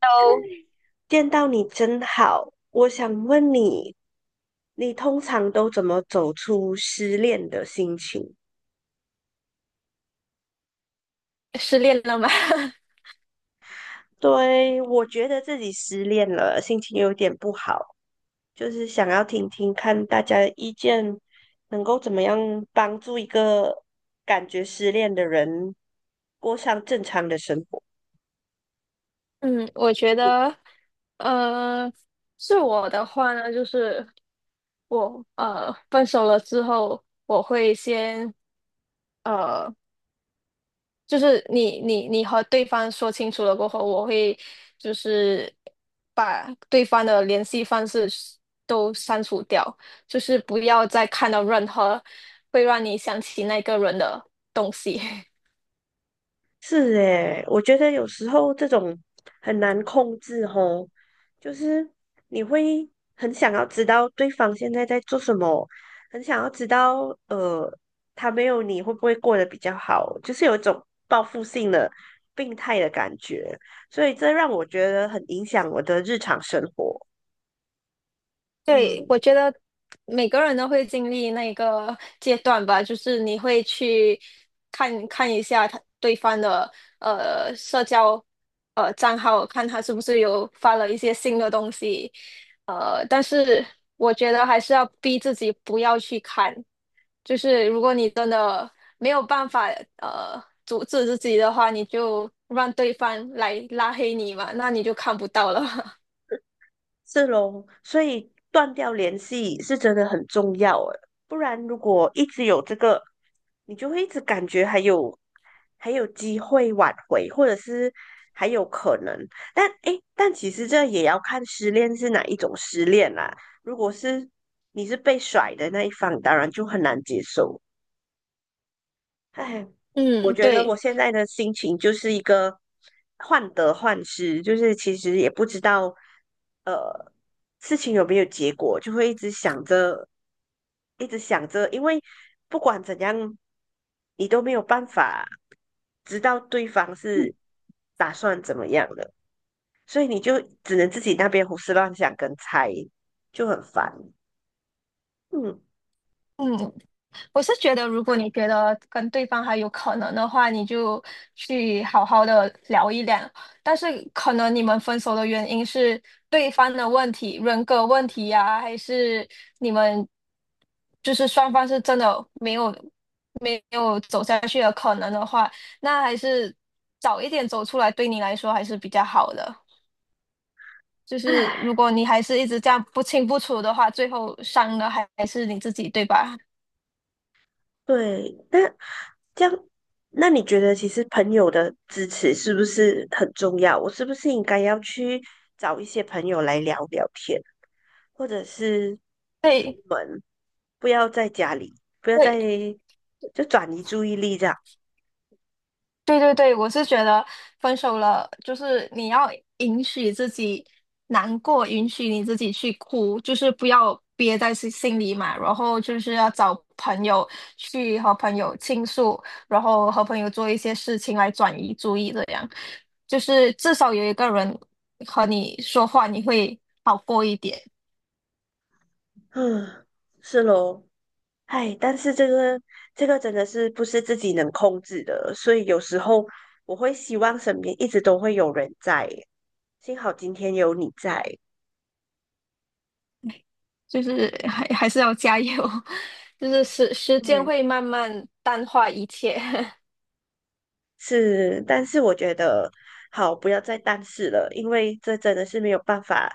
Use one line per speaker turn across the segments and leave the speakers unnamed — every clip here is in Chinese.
都
见到你真好，我想问你，你通常都怎么走出失恋的心情？
失恋了吗？
对，我觉得自己失恋了，心情有点不好，就是想要听听看大家的意见，能够怎么样帮助一个感觉失恋的人过上正常的生活。
嗯，我觉得，呃，是我的话呢，就是我分手了之后，我会先呃，就是你和对方说清楚了过后，我会就是把对方的联系方式都删除掉，就是不要再看到任何会让你想起那个人的东西。
是诶，我觉得有时候这种很难控制吼，就是你会很想要知道对方现在在做什么，很想要知道他没有你会不会过得比较好，就是有一种报复性的病态的感觉，所以这让我觉得很影响我的日常生活。
对，
嗯。
我觉得每个人都会经历那个阶段吧，就是你会去看看一下他对方的社交账号，看他是不是有发了一些新的东西，但是我觉得还是要逼自己不要去看，就是如果你真的没有办法阻止自己的话，你就让对方来拉黑你嘛，那你就看不到了。
是咯，所以断掉联系是真的很重要诶，不然如果一直有这个，你就会一直感觉还有机会挽回，或者是还有可能。但其实这也要看失恋是哪一种失恋啦。如果是你是被甩的那一方，当然就很难接受。哎，我
嗯，
觉得我
对。
现在的心情就是一个患得患失，就是其实也不知道呃事情有没有结果，就会一直想着，一直想着，因为不管怎样，你都没有办法知道对方是打算怎么样的，所以你就只能自己那边胡思乱想跟猜，就很烦。嗯，
嗯，我是觉得，如果你觉得跟对方还有可能的话，你就去好好的聊一聊。但是可能你们分手的原因是对方的问题、人格问题呀、还是你们就是双方是真的没有走下去的可能的话，那还是早一点走出来，对你来说还是比较好的。就是
唉。
如果你还是一直这样不清不楚的话，最后伤的还是你自己，对吧？
对，那这样，那你觉得其实朋友的支持是不是很重要？我是不是应该要去找一些朋友来聊聊天，或者是出
对。
门，不要在家里，不要在，
对，
就转移注意力这样。
对对对，我是觉得分手了，就是你要允许自己难过，允许你自己去哭，就是不要憋在心里嘛。然后就是要找朋友去和朋友倾诉，然后和朋友做一些事情来转移注意，这样就是至少有一个人和你说话，你会好过一点。
嗯，是咯，哎，但是这个真的是不是自己能控制的，所以有时候我会希望身边一直都会有人在，幸好今天有你在。
就是还是要加油，就是时间
对。
会慢慢淡化一切。
是，但是我觉得好，不要再但是了，因为这真的是没有办法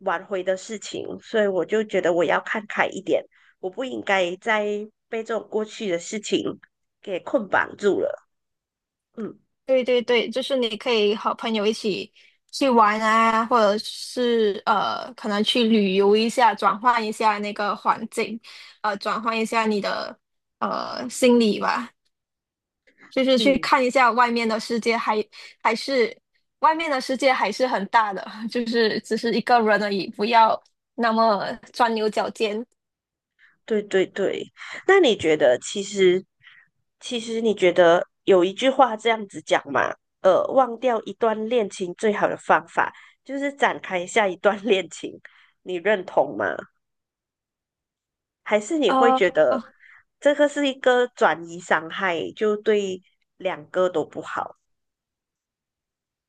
挽回的事情，所以我就觉得我要看开一点，我不应该再被这种过去的事情给捆绑住了。嗯
对对对，就是你可以和朋友一起去玩啊，或者是可能去旅游一下，转换一下那个环境，转换一下你的心理吧，就是去
嗯，
看一下外面的世界还，还是外面的世界还是很大的，就是只是一个人而已，不要那么钻牛角尖。
对对对。那你觉得，其实其实你觉得有一句话这样子讲嘛？忘掉一段恋情最好的方法就是展开下一段 恋情，你认同吗？还是你会
呃，
觉得
哦
这个是一个转移伤害，就对两个都不好？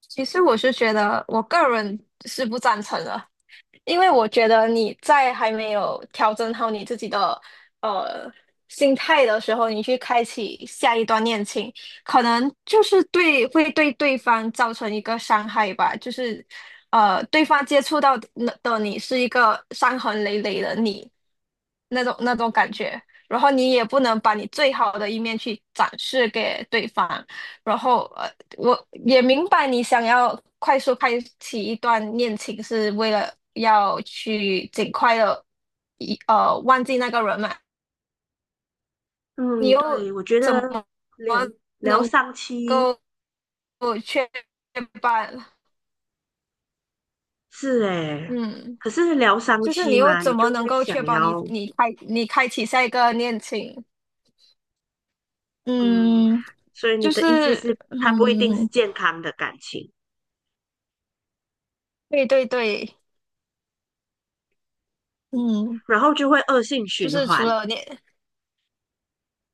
其实我是觉得我个人是不赞成的。因为我觉得你在还没有调整好你自己的呃心态的时候，你去开启下一段恋情，可能就是会对对方造成一个伤害吧，就是对方接触到的你是一个伤痕累累的你那种感觉，然后你也不能把你最好的一面去展示给对方，然后我也明白你想要快速开启一段恋情是为了要去尽快的忘记那个人嘛，你
嗯，
又
对，我觉
怎么
得疗疗
能
伤期
够确保？
是诶，
嗯，
可是疗伤
就是你
期
又
嘛，你
怎
就
么能
会
够
想
确保你
要
你开你开启下一个恋情？
嗯，
嗯，
所以你
就
的
是
意思是，它不一定是
嗯，
健康的感情，
对对对，嗯，
然后就会恶性
就
循
是除
环，
了恋。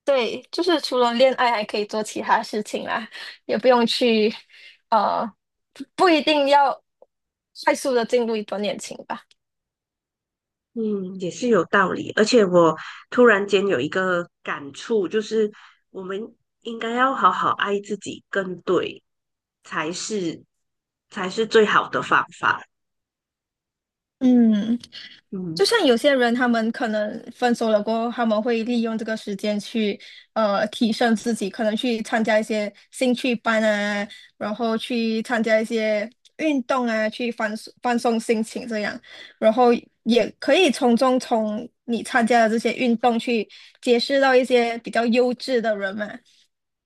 对，就是除了恋爱还可以做其他事情啦，也不用去，呃，不一定要快速的进入一段恋情吧。
嗯，也是有道理。而且我突然间有一个感触，就是我们应该要好好爱自己，更对，才是才是最好的方法。
嗯。就
嗯
像有些人，他们可能分手了过后，他们会利用这个时间去提升自己，可能去参加一些兴趣班啊，然后去参加一些运动啊，去放松放松心情这样，然后也可以从你参加的这些运动去结识到一些比较优质的人嘛，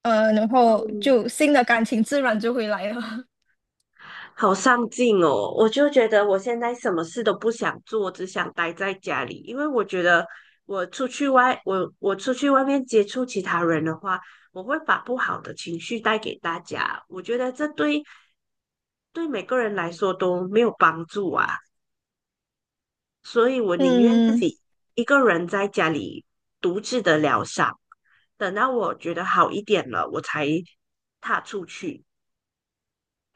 然后
嗯，
就新的感情自然就会来了。
好上进哦！我就觉得我现在什么事都不想做，只想待在家里，因为我觉得我出去外面接触其他人的话，我会把不好的情绪带给大家。我觉得这对每个人来说都没有帮助啊，所以我宁愿自
嗯，
己一个人在家里独自的疗伤，等到我觉得好一点了，我才踏出去。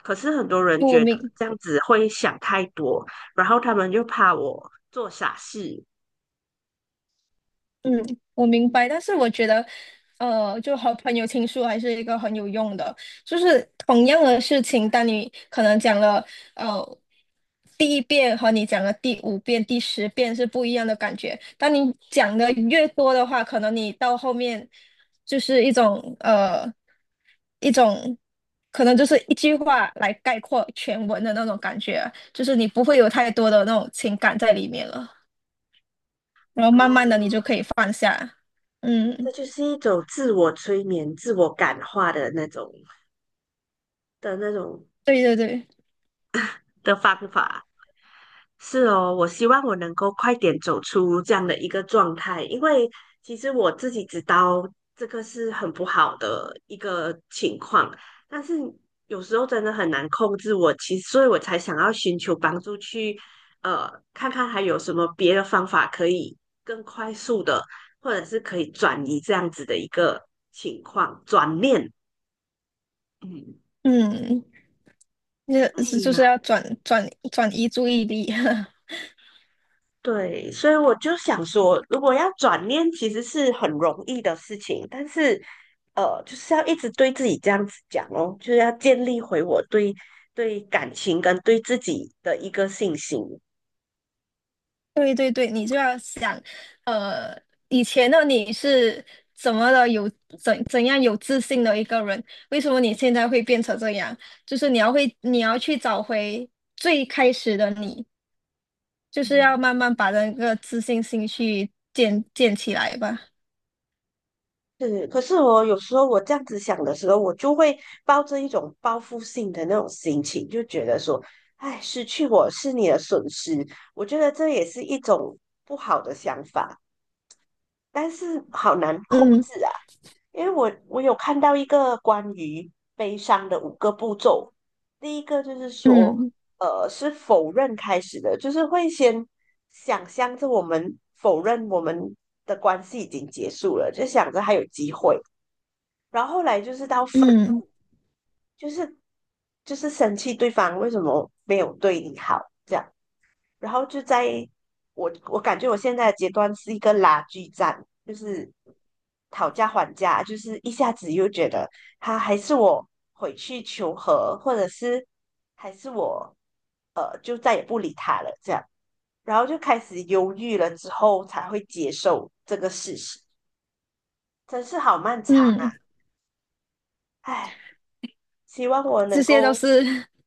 可是很多人
不
觉得
明
这样子会想太多，然后他们就怕我做傻事
嗯，我明白，但是我觉得，就和朋友倾诉还是一个很有用的。就是同样的事情，当你可能讲了，呃，第一遍和你讲了第五遍、第十遍是不一样的感觉。当你讲的越多的话，可能你到后面就是一种一种可能就是一句话来概括全文的那种感觉，就是你不会有太多的那种情感在里面了。然后
啊，
慢慢的你就可以放下。
这
嗯，
就是一种自我催眠、自我感化的那种
对对对，
的方法。是哦，我希望我能够快点走出这样的一个状态，因为其实我自己知道这个是很不好的一个情况，但是有时候真的很难控制我，其实所以我才想要寻求帮助去，呃，看看还有什么别的方法可以更快速的，或者是可以转移这样子的一个情况，转念，嗯。
嗯，那就
哎
是要转移注意力。
对，所以我就想说，如果要转念，其实是很容易的事情，但是，就是要一直对自己这样子讲哦，就是要建立回我对感情跟对自己的一个信心。
对对对，你就要想，呃，以前的你是怎么的有怎样有自信的一个人，为什么你现在会变成这样？你要去找回最开始的你，就是
嗯
要慢慢把那个自信心去建起来吧。
是，可是我有时候我这样子想的时候，我就会抱着一种报复性的那种心情，就觉得说，哎，失去我是你的损失，我觉得这也是一种不好的想法。但是好难控
嗯
制啊，因为我有看到一个关于悲伤的5个步骤，第一个就是说，
嗯
是否认开始的，就是会先想象着我们否认我们的关系已经结束了，就想着还有机会，然后后来就是到分，
嗯
就是就是生气对方为什么没有对你好。这样。然后就在我感觉我现在的阶段是一个拉锯战，就是讨价还价，就是一下子又觉得他还是我回去求和，或者是还是我就再也不理他了这样，然后就开始犹豫了之后才会接受这个事实，真是好漫长
嗯，
啊！唉，希望我
这
能
些都
够
是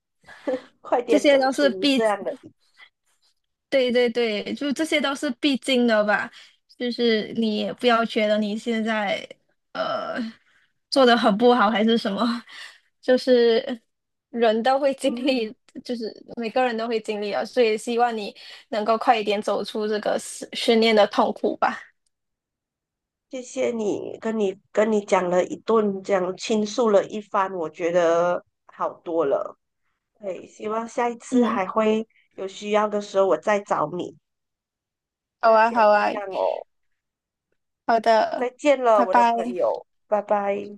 快
这
点
些
走
都是
出
必，
这样的。
对对对，就这些都是必经的吧。就是你也不要觉得你现在呃做的很不好还是什么，就是人都会经
嗯，
历，就是每个人都会经历啊，所以希望你能够快一点走出这个失训练的痛苦吧。
谢谢你，跟你讲了一顿，这样倾诉了一番，我觉得好多了。对，希望下一次
嗯，
还会有需要的时候我再找你。
好
那
啊，好
先这
啊，
样哦，
好的，
再见了，
拜
我的
拜。
朋友，拜拜。